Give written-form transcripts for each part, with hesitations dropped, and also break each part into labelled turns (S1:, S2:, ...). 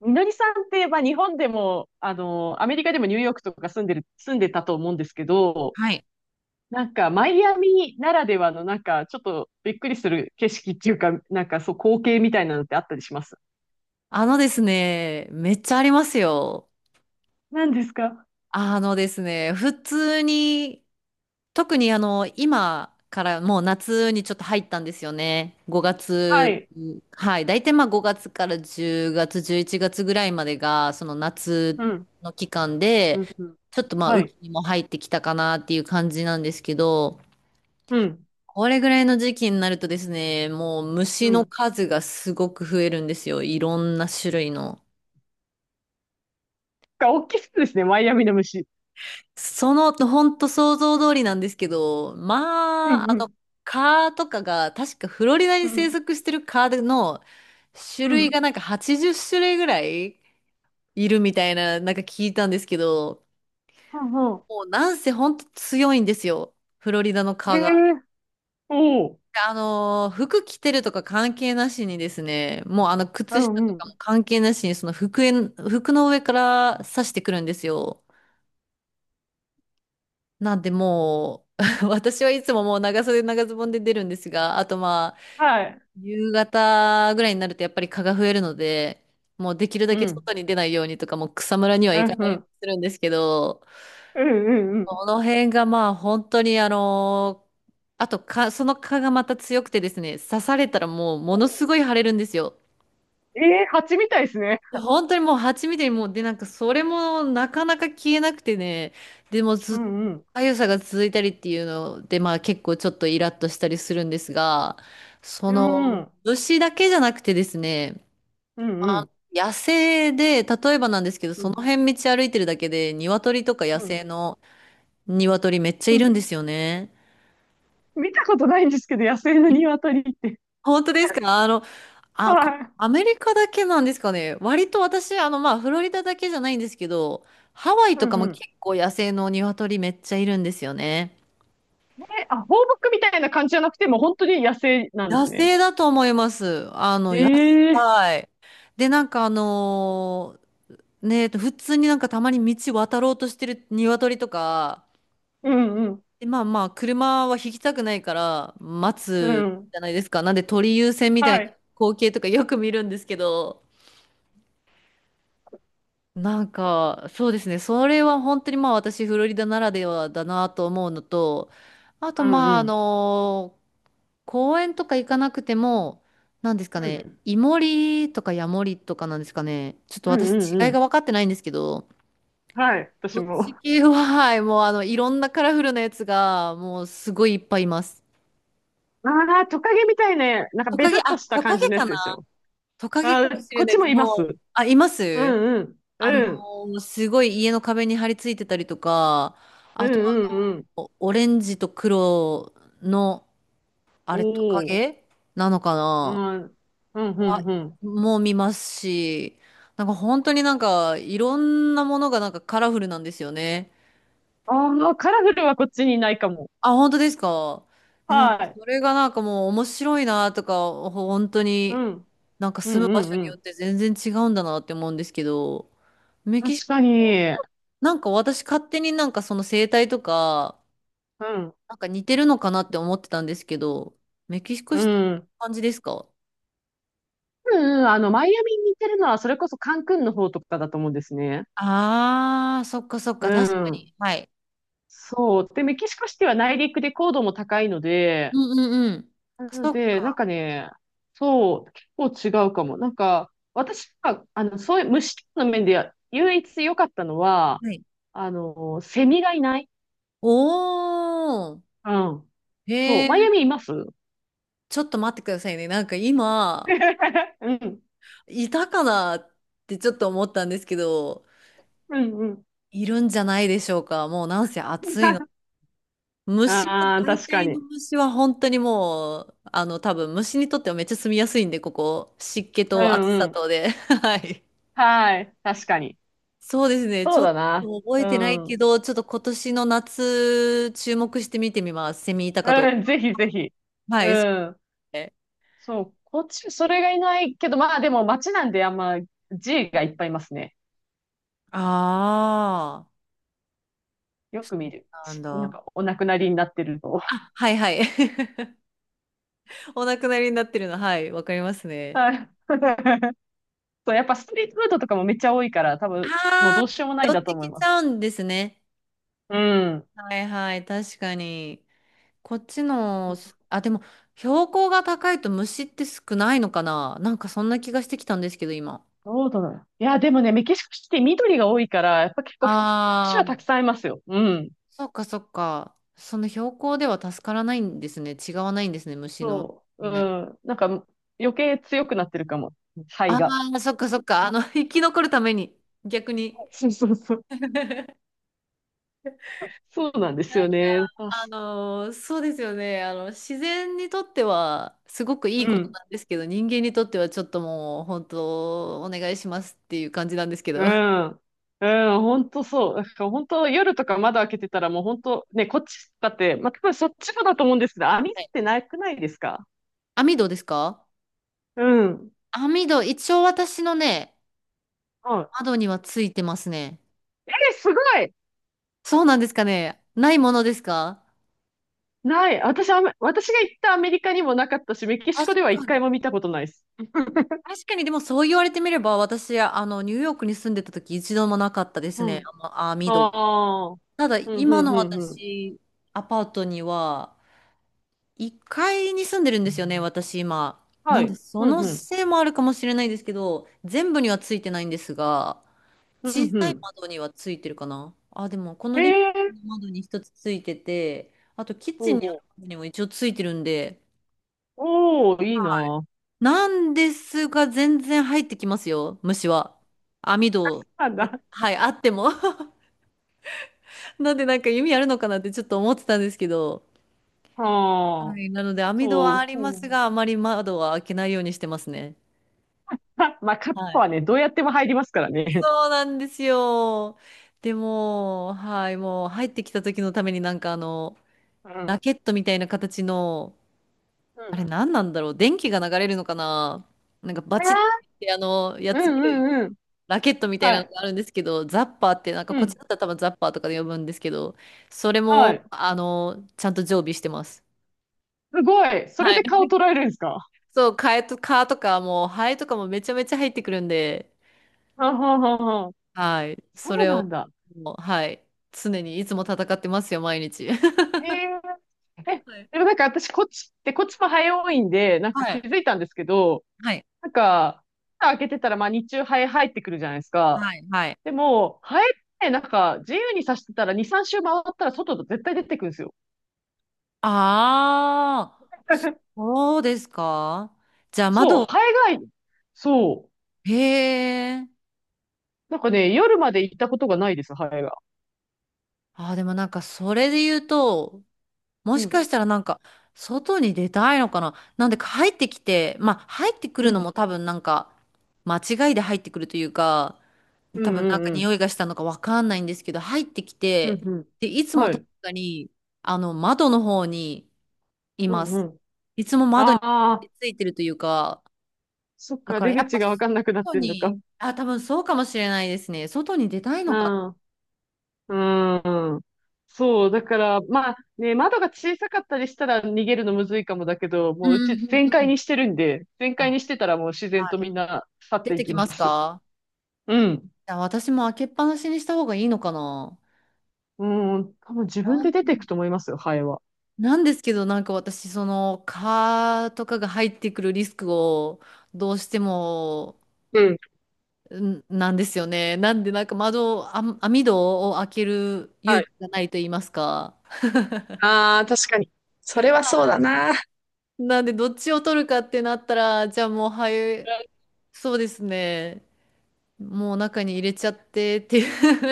S1: みのりさんって、まあ、日本でも、アメリカでもニューヨークとか住んでたと思うんですけど、
S2: はい。
S1: なんか、マイアミならではの、なんか、ちょっとびっくりする景色っていうか、なんか、そう、光景みたいなのってあったりします？
S2: あのですね、めっちゃありますよ。
S1: 何ですか？
S2: あのですね、普通に、特に今からもう夏にちょっと入ったんですよね。5
S1: は
S2: 月、
S1: い。
S2: はい。大体まあ5月から10月、11月ぐらいまでが、その夏
S1: うん。
S2: の期間
S1: う
S2: で、
S1: ん。うん。
S2: ちょっとまあ
S1: は
S2: 雨季
S1: い。
S2: にも入ってきたかなっていう感じなんですけど、
S1: うん。
S2: これぐらいの時期になるとですね、もう
S1: う
S2: 虫の
S1: ん。
S2: 数がすごく増えるんですよ。いろんな種類の。
S1: が、大きそうですね、マイアミの虫。
S2: その、ほんと想像通りなんですけど、
S1: うん。うん。
S2: 蚊とかが、確かフロリダに
S1: う
S2: 生
S1: ん。
S2: 息してる蚊の種
S1: う
S2: 類
S1: ん。
S2: がなんか80種類ぐらいいるみたいな、なんか聞いたんですけど、
S1: ほうほ
S2: もうなんせほんと強いんですよ、フロリダの
S1: う。
S2: 蚊
S1: え
S2: が。
S1: え、おおう。
S2: で、服着てるとか関係なしにですね、もうあの、
S1: う
S2: 靴下
S1: ん
S2: と
S1: う
S2: かも
S1: ん。
S2: 関係なしに、服の上から刺してくるんですよ。なんでもう、私はいつももう長袖長ズボンで出るんですが、あとまあ、
S1: はい。
S2: 夕方ぐらいになるとやっぱり蚊が増えるので、もうできるだ
S1: う
S2: け
S1: ん。
S2: 外に出ないようにとか、もう草むらには
S1: う
S2: 行か
S1: ん
S2: な
S1: う
S2: いように
S1: ん。
S2: するんですけど、
S1: うんうんうん。
S2: この辺がまあ本当にあの、あと蚊、その蚊がまた強くてですね、刺されたらもうもの
S1: ほ
S2: すごい腫れるんですよ。
S1: う、ええー、蜂みたいですね。
S2: いや本当にもう蜂みたいに、もうでなんかそれもなかなか消えなくてね、でもず
S1: う
S2: っと
S1: んうん。
S2: 痒さが続いたりっていうので、まあ結構ちょっとイラッとしたりするんですが、そ
S1: うんう
S2: の
S1: ん
S2: 虫だけじゃなくてですね、
S1: うんう
S2: あ
S1: ん。
S2: 野生で例えばなんですけど、
S1: う
S2: その
S1: ん、
S2: 辺道歩いてるだけで鶏とか野
S1: うん。
S2: 生 の鶏めっちゃ
S1: う
S2: い
S1: ん、
S2: るんですよね。
S1: 見たことないんですけど、野生の鶏って。
S2: 本当です か。
S1: はい。
S2: アメリカだけなんですかね。割と私、フロリダだけじゃないんですけど、ハワイ
S1: う
S2: と
S1: ん
S2: かも
S1: う
S2: 結
S1: ん。
S2: 構野生の鶏めっちゃいるんですよね。
S1: え、あ、放牧みたいな感じじゃなくて、もう本当に野生なんで
S2: 野
S1: すね。
S2: 生だと思います。
S1: へ
S2: 野
S1: え。
S2: 菜。で、普通になんかたまに道渡ろうとしてる鶏とか、
S1: うんうん。
S2: で、まあ、車は引きたくないから待
S1: う
S2: つ
S1: ん。
S2: じゃないですか。なんで鳥優先みたい
S1: は
S2: な
S1: い。
S2: 光景とかよく見るんですけど、なんか、そうですね。それは本当にまあ私、フロリダならではだなと思うのと、あと
S1: うん
S2: ま
S1: う
S2: あ、あ
S1: ん。
S2: の、公園とか行かなくても、なんですか
S1: うん。
S2: ね、イモリとかヤモリとかなんですかね。ちょっと
S1: うんうん
S2: 私、
S1: う
S2: 違い
S1: ん。
S2: が分かってないんですけど、
S1: はい。私
S2: そっち
S1: も。
S2: 系は、はい、もうあの、いろんなカラフルなやつが、もうすごいいっぱいいます。
S1: ああ、トカゲみたいな、なんかベタっとした
S2: トカ
S1: 感じ
S2: ゲ
S1: のや
S2: か
S1: つでし
S2: な、
S1: ょ。
S2: トカゲ
S1: あ
S2: か
S1: あ、
S2: もしれ
S1: こっ
S2: ない
S1: ち
S2: で
S1: も
S2: す。
S1: いま
S2: も
S1: す。
S2: う、
S1: う
S2: あ、います。
S1: んうん。うん。
S2: すごい家の壁に張り付いてたりとか、
S1: う
S2: あ
S1: ん
S2: と
S1: うんうん。
S2: オレンジと黒の、あ
S1: お
S2: れ、トカ
S1: お。
S2: ゲなのか
S1: う
S2: な、
S1: ん。うん
S2: は
S1: うんうん。
S2: もう見ますし、なんか本当になんかいろんなものがなんかカラフルなんですよね。
S1: ああ、カラフルはこっちにいないかも。
S2: あ、本当ですか。なん
S1: は
S2: か
S1: い。
S2: それがなんかもう面白いなとか、本当
S1: う
S2: に
S1: ん。
S2: なんか
S1: う
S2: 住む場
S1: ん
S2: 所
S1: う
S2: によっ
S1: ん
S2: て全然違うんだなって思うんですけど、メ
S1: うん。
S2: キシ
S1: 確
S2: コ、
S1: かに。
S2: なんか私勝手になんかその生態とか、
S1: うん。
S2: なんか似てるのかなって思ってたんですけど、メキシコ
S1: う
S2: シティって
S1: ん。
S2: 感じですか。
S1: うんうん、マイアミに似てるのは、それこそカンクンの方とかだと思うんですね。
S2: ああ、そっかそっ
S1: う
S2: か、確か
S1: ん。
S2: に。はい。
S1: そう。で、メキシコシティは内陸で高度も高いので、
S2: うんうんうん。
S1: なの
S2: そっ
S1: で、なん
S2: か。
S1: かね、そう、結構違うかも。なんか、私が、そういう虫の面で唯一良かったのは、
S2: はい。
S1: セミがいない。
S2: おー。
S1: うん、そ
S2: へ
S1: う。
S2: え、
S1: マイアミいます？
S2: ちょっと待ってくださいね。なんか今、
S1: うん。
S2: いたかなってちょっと思ったんですけど、
S1: うんうん。
S2: いるんじゃないでしょうか。もうなんせ暑いの。虫は、
S1: ああ、
S2: 大
S1: 確か
S2: 体
S1: に。
S2: の虫は本当にもう、多分虫にとってはめっちゃ住みやすいんで、ここ。湿気
S1: う
S2: と
S1: ん
S2: 暑
S1: う
S2: さ
S1: ん。
S2: とで。はい。
S1: はい。確かに。
S2: そうですね。ち
S1: そう
S2: ょっ
S1: だな。
S2: と覚え
S1: う
S2: てないけ
S1: ん。
S2: ど、ちょっと今年の夏、注目して見てみます。セミいたかどう
S1: うん、
S2: か。
S1: ぜひぜひ。
S2: は
S1: う
S2: い。
S1: ん。そう。こっち、それがいないけど、まあでも街なんであんま G がいっぱいいますね。
S2: ああ、
S1: よ
S2: そ
S1: く見
S2: う
S1: る。
S2: なん
S1: しなん
S2: だ。
S1: かお亡くなりになってると。
S2: あ、はいはい。お亡くなりになってるの、はい、わかります ね。
S1: はい。そう、やっぱストリートフードとかもめっちゃ多いから、多分もう
S2: ああ、
S1: どうしようもない
S2: 寄
S1: ん
S2: っ
S1: だと
S2: て
S1: 思い
S2: きち
S1: ま
S2: ゃう
S1: す。
S2: んですね。
S1: うん。
S2: はいはい、確かに。こっちの、あ、でも、標高が高いと虫って少ないのかな、なんかそんな気がしてきたんですけど、今。
S1: どうだろう。いや、でもね、メキシコシティ緑が多いから、やっぱ結構普通、虫
S2: あ、
S1: はたくさんいますよ。うん。
S2: そっかそっか。その標高では助からないんですね。違わないんですね、虫の。
S1: そう。
S2: い
S1: う
S2: ない。
S1: ん。なんか、余計強くなってるかも。肺
S2: あ
S1: が。
S2: あ、そっかそっか。生き残るために、逆に。
S1: そうそうそう。そうなんです
S2: なん
S1: よ
S2: か、
S1: ね。
S2: そうですよね。自然にとっては、すごくいい
S1: う
S2: こと
S1: ん。
S2: なんですけど、人間にとってはちょっともう、本当、お願いしますっていう感じなんですけど。
S1: う
S2: は
S1: ん。うん、本当そう。だから本当夜とか窓開けてたらもう本当ね、こっちだって、まあ、多分そっちもだと思うんですけど、網っ
S2: い。
S1: てなくないですか？
S2: 網戸ですか。
S1: うん。うん。
S2: 網戸、一応私のね、窓にはついてますね。
S1: えー、すごい、
S2: そうなんですかね。ないものですか。
S1: ない。私、私が行ったアメリカにもなかったし、メキシ
S2: 確
S1: コでは一
S2: か
S1: 回
S2: に。
S1: も見たことないです。
S2: 確かに、でもそう言われてみれば、私、ニューヨークに住んでた時一度もなかったです
S1: う
S2: ね、
S1: ん。
S2: 網戸。
S1: ああ。
S2: ただ、
S1: うん、
S2: 今
S1: うん、
S2: の
S1: うん、うん。
S2: 私、アパートには、1階に住んでるんですよね、私今。な
S1: は
S2: んで、
S1: い。
S2: そ
S1: うん、
S2: の
S1: うん。
S2: せいもあるかもしれないですけど、全部にはついてないんですが、
S1: う
S2: 小
S1: ん、う
S2: さい
S1: ん。
S2: 窓にはついてるかな。あ、でも、この
S1: へ
S2: リビ
S1: え。
S2: ングの窓に一つついてて、あと、キッチ
S1: ほう
S2: ンにある
S1: ほ
S2: 窓にも一応ついてるんで、
S1: う。おー、いいな。
S2: なんですが、全然入ってきますよ、虫は。網戸、
S1: あ、な、
S2: はい、あっても。なんでなんか意味あるのかなってちょっと思ってたんですけど。
S1: は
S2: は
S1: あ。
S2: い、なので網戸
S1: そ
S2: はあ
S1: う、
S2: りま
S1: ほう。
S2: すが、あまり窓は開けないようにしてますね。
S1: は、まあ、カッ
S2: は
S1: プ
S2: い。
S1: はね、どうやっても入りますからね。
S2: そうなんですよ。でも、はい、もう入ってきた時のために、
S1: うん。
S2: ラケットみたいな形の、
S1: う
S2: あ
S1: ん。
S2: れ何なんだろう、電気が流れるのかな、なんかバチってや
S1: う
S2: つ切
S1: ん
S2: る
S1: うんうん。
S2: ラケットみたい
S1: は
S2: なの
S1: い。
S2: があるんですけど、ザッパーって、なんか
S1: う
S2: こっち
S1: ん。
S2: だったら多分ザッパーとかで呼ぶんですけど、それ
S1: は
S2: も、
S1: い。
S2: ちゃんと常備してます。
S1: すごい。それ
S2: は
S1: で顔
S2: い。
S1: 捉えるんですか？
S2: そう、カとかもう、ハエとかもめちゃめちゃ入ってくるんで、
S1: はんはんはんはん、
S2: はい。そ
S1: そう
S2: れ
S1: な
S2: を、
S1: んだ。
S2: もう、はい。常にいつも戦ってますよ、毎日。
S1: へえ。え、
S2: はい。
S1: でもなんか私、こっちって、こっちも早いんで、なん
S2: は
S1: か気
S2: い。
S1: づいたんですけど、
S2: はい。
S1: なんか、蓋開けてたら、まあ日中ハエ入ってくるじゃないですか。
S2: はい。はい。
S1: でも、ハエってなんか自由に刺してたら2、3周回ったら外と絶対出てくるんですよ。
S2: ああ、そうですか。じゃあ
S1: そう、
S2: 窓、
S1: ハエが、そう。
S2: へえ。
S1: なんかね、夜まで行ったことがないです、ハエが。
S2: ああ、でもなんかそれで言うと、も
S1: う
S2: し
S1: ん。
S2: かしたらなんか、外に出たいのかな、なんでか入ってきて、まあ入ってく
S1: う
S2: るのも
S1: ん。
S2: 多分なんか、間違いで入ってくるというか、
S1: う
S2: 多
S1: ん
S2: 分
S1: う
S2: なんか
S1: んうん。
S2: 匂いがしたのかわかんないんですけど、入ってき
S1: うん
S2: て、
S1: うん。
S2: で、いつも
S1: は
S2: 確
S1: い。
S2: かに、窓の方にい
S1: う
S2: ま
S1: んう
S2: す。
S1: ん。
S2: いつも窓に張
S1: あ
S2: り
S1: あ、
S2: 付いてるというか、
S1: そっ
S2: だ
S1: か、
S2: から
S1: 出
S2: やっ
S1: 口
S2: ぱ
S1: がわかんなくなっ
S2: 外
S1: てんのか。
S2: に、あ、多分そうかもしれないですね。外に出たい
S1: う
S2: のか。
S1: ん。うん。そう、だから、まあね、窓が小さかったりしたら逃げるのむずいかもだけど、
S2: う
S1: も
S2: ん
S1: ううち
S2: うん
S1: 全
S2: うんう
S1: 開
S2: ん。
S1: にしてるんで、全開に
S2: あ、
S1: してたらもう自然
S2: は
S1: と
S2: い。
S1: みんな去っ
S2: 出
S1: てい
S2: て
S1: き
S2: きま
S1: ま
S2: す
S1: す。
S2: か。
S1: うん。
S2: あ、私も開けっぱなしにした方がいいのかな。
S1: うん、多分自
S2: な
S1: 分
S2: ん
S1: で出ていくと思いますよ、ハエは。
S2: なんですけど、なんか私、その、蚊とかが入ってくるリスクを、どうしても、
S1: うん。
S2: なんですよね。なんで、なんか窓を、あ、網戸を開ける
S1: は
S2: 勇
S1: い。
S2: 気がないと言いますか。
S1: ああ、確かに。
S2: はい。なんで、どっちを取るかってなったら、じゃあもう、は
S1: う
S2: い、
S1: ん、
S2: そうですね。もう中に入れちゃってっていう。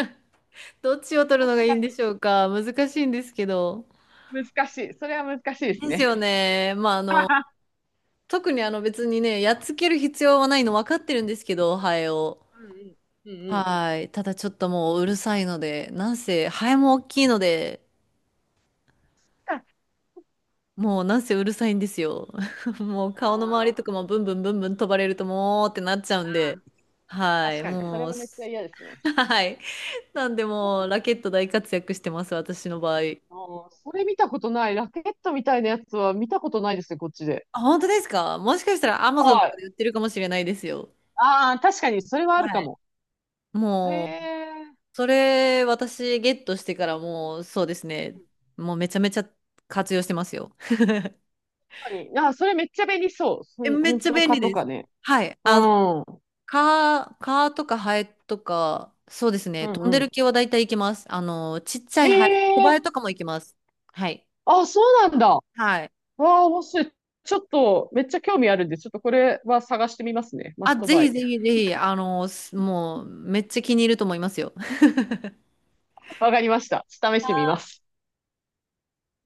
S2: どっちを取る
S1: 確
S2: のがい
S1: か
S2: いんでしょうか。難しいんですけど。
S1: に。難しい。それは難しいです
S2: です
S1: ね。
S2: よね。特に別にね、やっつける必要はないの分かってるんですけど、ハエを。
S1: うんうん。うんうん。
S2: はい。ただちょっともううるさいので、なんせ、ハエも大きいので、もうなんせうるさいんですよ。もう顔の周りとか
S1: あ
S2: もブンブンブンブン飛ばれるともうってなっちゃうんで、
S1: あ、
S2: は
S1: 確
S2: い。
S1: かに。それ
S2: もう、
S1: はめっちゃ嫌ですね。
S2: はい。なんでもうラケット大活躍してます、私の場合。
S1: あー、それ見たことない。ラケットみたいなやつは見たことないですね、こっちで。
S2: あ、本当ですか。もしかしたら Amazon と
S1: は
S2: か
S1: い。
S2: で売ってるかもしれないですよ。
S1: ああ、確かに、それはある
S2: は
S1: か
S2: い。
S1: も。へ
S2: もう、
S1: え、
S2: それ、私、ゲットしてからもう、そうですね。もうめちゃめちゃ活用してますよ。
S1: 確かに。あー、それめっちゃ便利そう。そ
S2: え、
S1: ん、
S2: めっ
S1: 本
S2: ちゃ
S1: 当
S2: 便
S1: か
S2: 利
S1: と
S2: で
S1: か
S2: す。
S1: ね。
S2: はい。
S1: う
S2: あの、
S1: ん。うん
S2: カーとかハエとか、そうです
S1: う
S2: ね。飛んでる
S1: ん。
S2: 系は大体行けます。ちっちゃ
S1: へ
S2: いハエ、小ハ
S1: え、
S2: エとかも行けます。はい。
S1: あ、そうなんだ。
S2: はい。
S1: わあ、面白い。ちょっと、めっちゃ興味あるんで、ちょっとこれは探してみますね。マ
S2: あ、
S1: スト
S2: ぜ
S1: バ
S2: ひ
S1: イ。
S2: ぜひぜひ、もう、めっちゃ気に入ると思いますよ。
S1: わかりました。試してみ ます。